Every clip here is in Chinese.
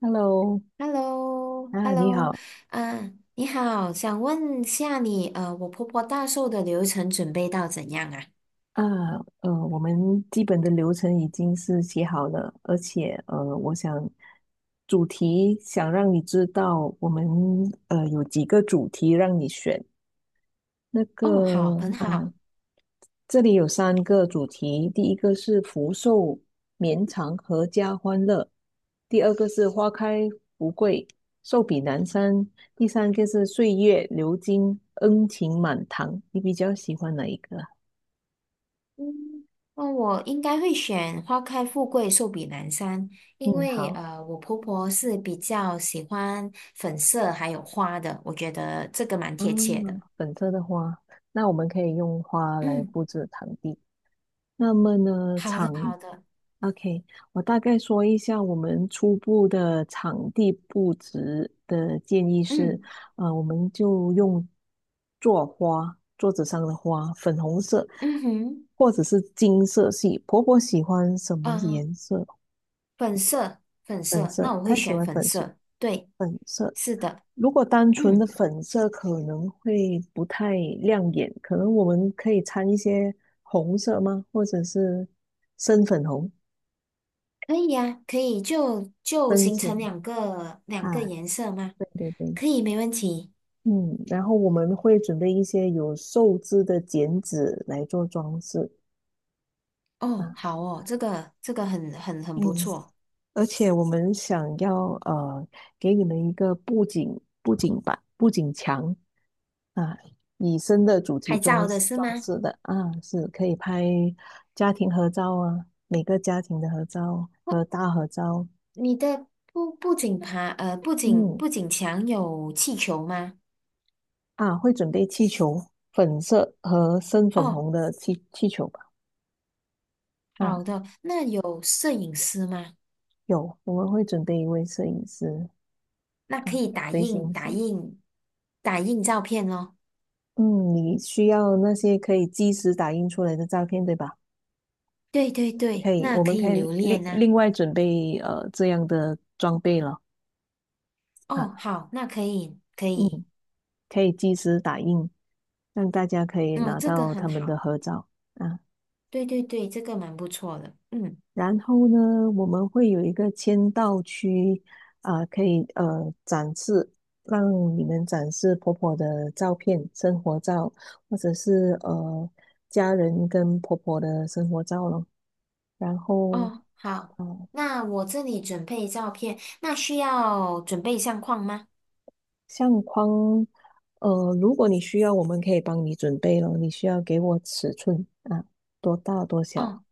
Hello，h e l l o h e 啊，l l 你 o 好啊，你好，想问下你，我婆婆大寿的流程准备到怎样啊？啊，我们基本的流程已经是写好了，而且我想主题想让你知道，我们有几个主题让你选。那哦，好，个很啊，好。这里有三个主题，第一个是福寿绵长阖家欢乐，第二个是花开富贵寿比南山，第三个是岁月流金恩情满堂。你比较喜欢哪一个啊？嗯，那我应该会选花开富贵，寿比南山，因嗯，为好，我婆婆是比较喜欢粉色还有花的，我觉得这个蛮贴切嗯，的。粉色的花，那我们可以用花来嗯，布置场地。那么呢，好的。OK，我大概说一下我们初步的场地布置的建议是，嗯我们就用做花，桌子上的花，粉红色嗯哼，或者是金色系。婆婆喜欢什么啊，颜色？粉色，粉粉色，色，那我会她喜选欢粉粉色，色。对，粉色。是的。如果单纯嗯。的粉色可能会不太亮眼，可能我们可以掺一些红色吗？或者是深粉红、可以呀，可以就深形成浅两个啊？颜色吗？对对对，可以，没问题。嗯，然后我们会准备一些有寿字的剪纸来做装饰啊，哦，好哦，这个很嗯，不错。而且我们想要给你们一个布景板、布景墙，啊，以深的主题拍装照的是吗？装饰的啊，是可以拍家庭合照啊，每个家庭的合照不，和大合照。你的不不仅爬嗯，不仅墙有气球吗？啊，会准备气球，粉色和深粉哦，红的气球吧？啊，好的。那有摄影师吗？有，我们会准备一位摄影师那可啊，以随行是。打印照片咯。嗯，你需要那些可以即时打印出来的照片，对吧？对对对，可以，那我可们以可留以另恋呐、另外准备这样的装备了啊。哦，好，那可以可嗯。以。可以即时打印，让大家可以哦，拿这个到他很们的好。合照啊。对对对，这个蛮不错的。嗯，然后呢，我们会有一个签到区啊，可以展示，让你们展示婆婆的照片、生活照，或者是家人跟婆婆的生活照咯。然后，哦，好，啊，那我这里准备照片，那需要准备相框吗？相框，如果你需要，我们可以帮你准备咯。你需要给我尺寸啊，多大多小哦，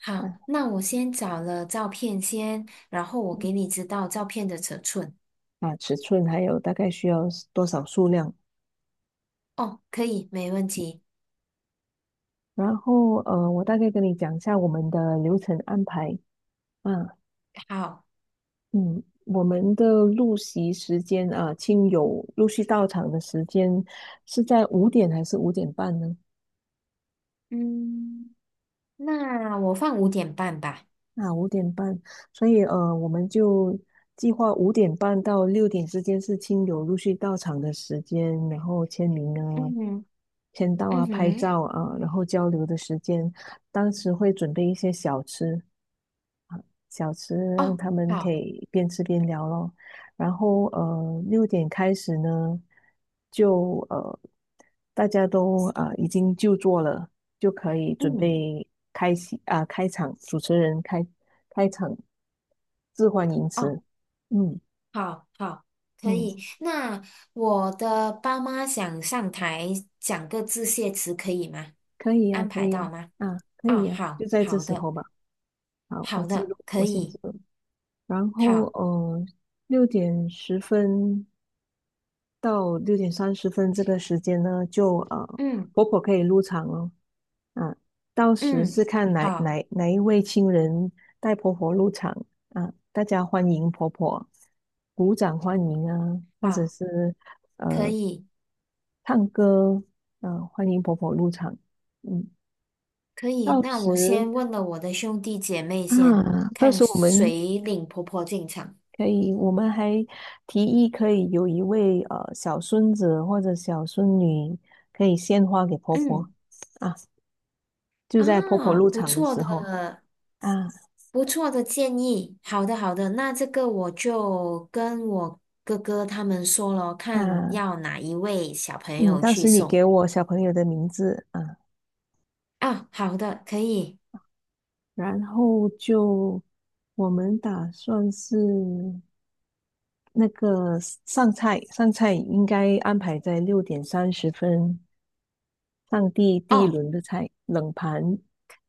好，啊？那我先找了照片先，然后我给你知道照片的尺寸。啊尺寸，还有大概需要多少数量。哦，可以，没问题。然后我大概跟你讲一下我们的流程安排啊，好，嗯，我们的入席时间啊，亲友陆续到场的时间是在五点还是五点半呢？嗯，那我放5:30吧。啊，五点半，所以我们就计划五点半到六点之间是亲友陆续到场的时间，然后签名啊、嗯哼，签到嗯啊、拍哼，照啊，然后交流的时间。当时会准备一些小吃，让哦，他们可好，以边吃边聊咯。然后六点开始呢，就大家都啊、已经就座了，就可以准嗯。备开席啊、开场，主持人开场致欢迎哦。词。嗯好好，可嗯，以。那我的爸妈想上台讲个致谢词，可以吗？可以呀、安可排以呀、到吗？啊，可啊，以呀、好就在这好时的，候吧。好，我好记的，录。可以。然后好，6点10分到六点三十分这个时间呢，就嗯婆婆可以入场哦。啊，到时嗯，是看哪好哪哪一位亲人带婆婆入场啊，大家欢迎婆婆，鼓掌欢迎啊，或者好，是可呃以唱歌啊，欢迎婆婆入场。嗯，可以。到那时我先问了我的兄弟姐妹啊，先，到看时我们谁领婆婆进场。可以，我们还提议可以有一位小孙子或者小孙女可以献花给婆婆嗯啊，就在婆婆啊，入不场的错时候的，啊不错的建议，好的好的，那这个我就跟我哥哥他们说了，看啊，要哪一位小朋嗯，友当去时你给送我小朋友的名字啊，啊。好的，可以然后就我们打算是。那个上菜应该安排在六点三十分上第第一哦，轮的菜，冷盘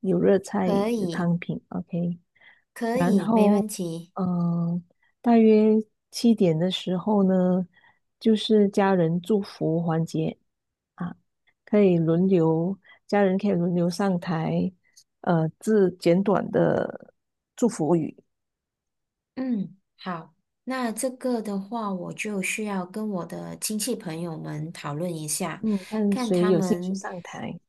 有热菜可有以汤品，OK。可然以，没后，问题。嗯、大约7点的时候呢，就是家人祝福环节啊，可以轮流，家人可以轮流上台，致简短的祝福语，嗯，好，那这个的话，我就需要跟我的亲戚朋友们讨论一下，嗯，看看谁他有兴趣们上台。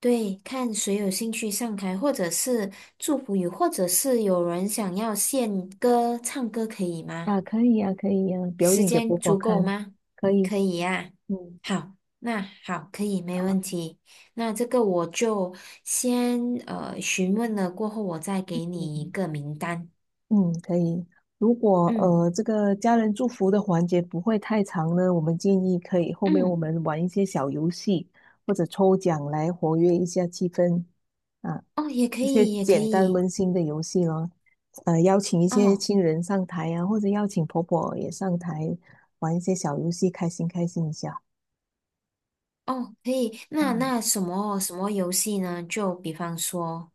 对看谁有兴趣上台，或者是祝福语，或者是有人想要献歌唱歌，可以吗？啊，可以啊，可以啊，表时演给间婆婆足够看，吗？可以，可以呀、嗯好，那好，可以，没问题。那这个我就先询问了，过后我再给你一嗯个名单。嗯，可以。如果嗯这个家人祝福的环节不会太长呢，我们建议可以后面我嗯，们玩一些小游戏或者抽奖来活跃一下气氛啊，哦，也可一些以，也可简单以。温馨的游戏咯。邀请一些哦亲人上台啊，或者邀请婆婆也上台玩一些小游戏，开心开心一下哦，可以。那啊。什么什么游戏呢？就比方说，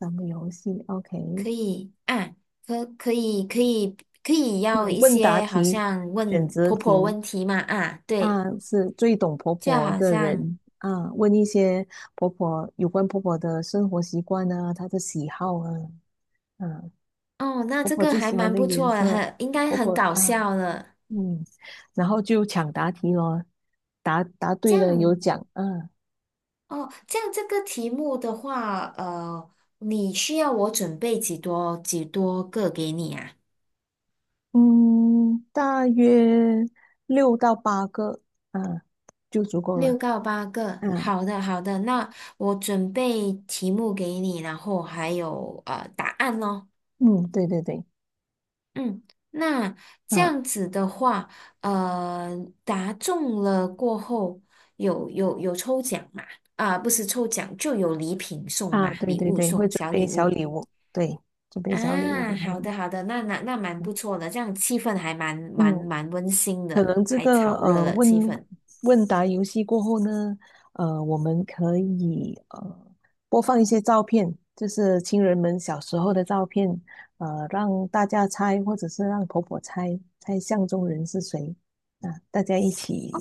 咱们游戏，OK。可以啊，可可以可以可以嗯，要一问答些好题、像选问择婆婆题问题嘛啊，对，啊，是最懂婆就婆好的像。人啊，问一些婆婆有关婆婆的生活习惯啊，她的喜好啊，啊，哦，那婆这婆个最还喜欢蛮的不颜错的，色，应该婆很婆搞啊，笑了。嗯，然后就抢答题咯，答答这对了有样奖啊，哦，这个题目的话，你需要我准备几多个给你啊？嗯，大约六到八个啊，就足够了6到8个。啊，好的，好的，那我准备题目给你，然后还有答案咯。嗯，对对对，嗯，那这啊。样子的话，呃，答中了过后有抽奖嘛？啊，不是抽奖，就有礼品送啊，嘛，对礼对物对，会送，准小备礼小物礼物，对，准备啊。小礼物给他好们。的好的，那蛮嗯，不错的，这样气氛还嗯蛮温馨可的，能这还个炒热了问气氛。问答游戏过后呢，我们可以播放一些照片，就是亲人们小时候的照片，让大家猜，或者是让婆婆猜，猜相中人是谁啊，大家一起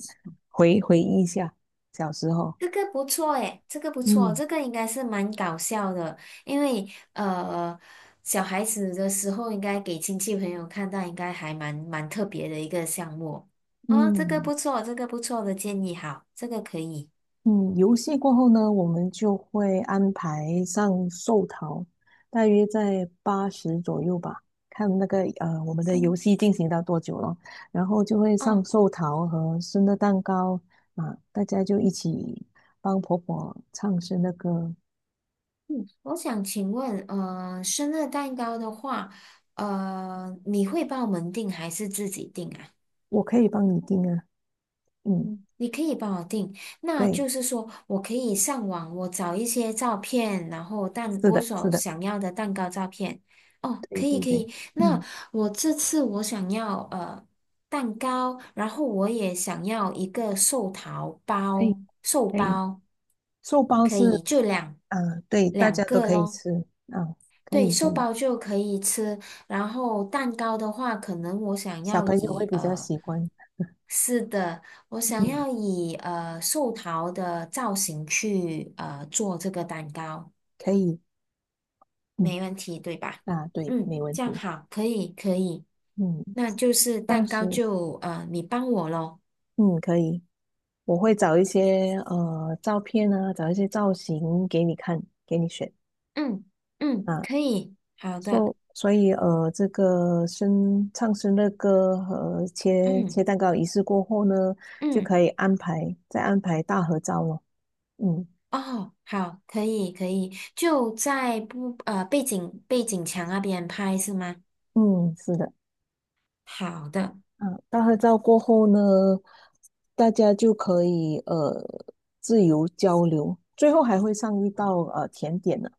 回忆一下小时候。这个不错诶，这个不错，嗯这个应该是蛮搞笑的，因为呃，小孩子的时候应该给亲戚朋友看到，应该还蛮特别的一个项目哦，这个嗯。不错，这个不错的建议，好，这个可以。嗯，游戏过后呢，我们就会安排上寿桃，大约在80左右吧，看那个我们的游嗯，戏进行到多久了，然后就会上哦，寿桃和生日蛋糕啊，大家就一起帮婆婆唱生日歌，嗯，我想请问，生日蛋糕的话，你会帮我们订还是自己订啊？我可以帮你订啊，嗯，嗯，你可以帮我定，那对，就是说我可以上网，我找一些照片，然后是我的，是所的，想要的蛋糕照片。哦，对可以对可对，以。那嗯，我这次我想要蛋糕，然后我也想要一个寿桃可以包，寿可以，包寿包可是以就啊，对，大家两都个可以咯。吃啊，可对，以可寿以，包就可以吃，然后蛋糕的话，可能我想小要朋友会以比较喜欢，是的，我想嗯。要以寿桃的造型去做这个蛋糕，可以，嗯，没问题，对吧？啊，对，嗯，没问这样题，好，可以，可以，嗯，那就是到蛋时，糕就你帮我咯。嗯，可以，我会找一些照片啊，找一些造型给你看，给你选嗯嗯，啊，可以，好的，所以这个唱生日歌和切切嗯蛋糕仪式过后呢，就嗯。可以安排再安排大合照了，嗯哦，好，可以可以，就在不背景墙那边拍是吗？嗯，是的。好的，嗯，大合照过后呢，大家就可以自由交流，最后还会上一道甜点呢。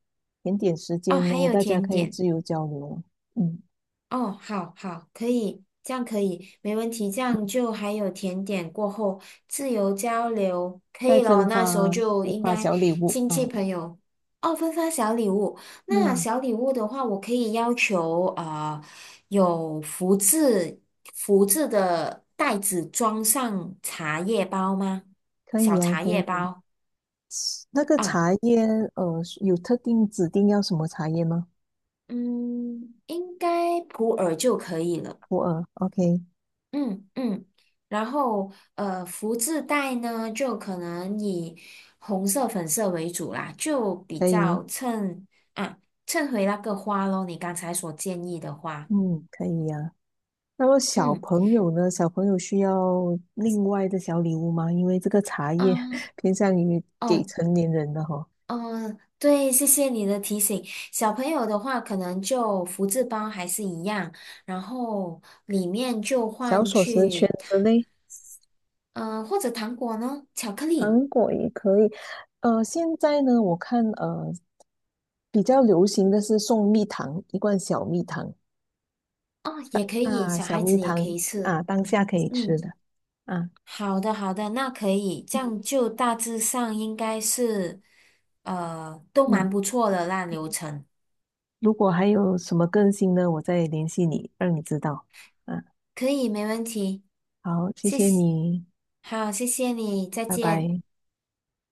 甜点时哦，间还呢，有大家甜可以点，自由交流，嗯，哦，好好，可以，这样可以，没问题，这样嗯就还有甜点过后自由交流，可再以咯，分那时候发就分应发该小礼物亲戚啊，朋友哦，分发小礼物。那嗯，小礼物的话，我可以要求啊、有福字的袋子装上茶叶包吗？可以小啊，茶可叶以。包那个啊，茶叶有特定指定要什么茶叶吗？嗯，应该普洱就可以了。普洱，OK，嗯嗯，然后福字袋呢，就可能以红色、粉色为主啦，就比可以，较衬啊，衬回那个花咯，你刚才所建议的花。嗯，可以呀、那么小嗯朋友呢？小朋友需要另外的小礼物吗？因为这个茶叶 啊，偏向于给哦成年人的哈、哦，对，谢谢你的提醒。小朋友的话，可能就福字包还是一样，然后里面就小换锁匙圈去，之类，嗯、或者糖果呢，巧克力糖果也可以。现在呢，我看比较流行的是送蜜糖，一罐小蜜糖哦，也可以，啊，小小孩蜜子也可糖以吃。啊，当下可以吃嗯。的啊，好的，好的，那可以，这样嗯，就大致上应该是，都蛮嗯。不错的那流程如果还有什么更新呢，我再联系你，让你知道。啊，可以，没问题，好，谢谢谢谢，你，好，谢谢你，再拜见。拜。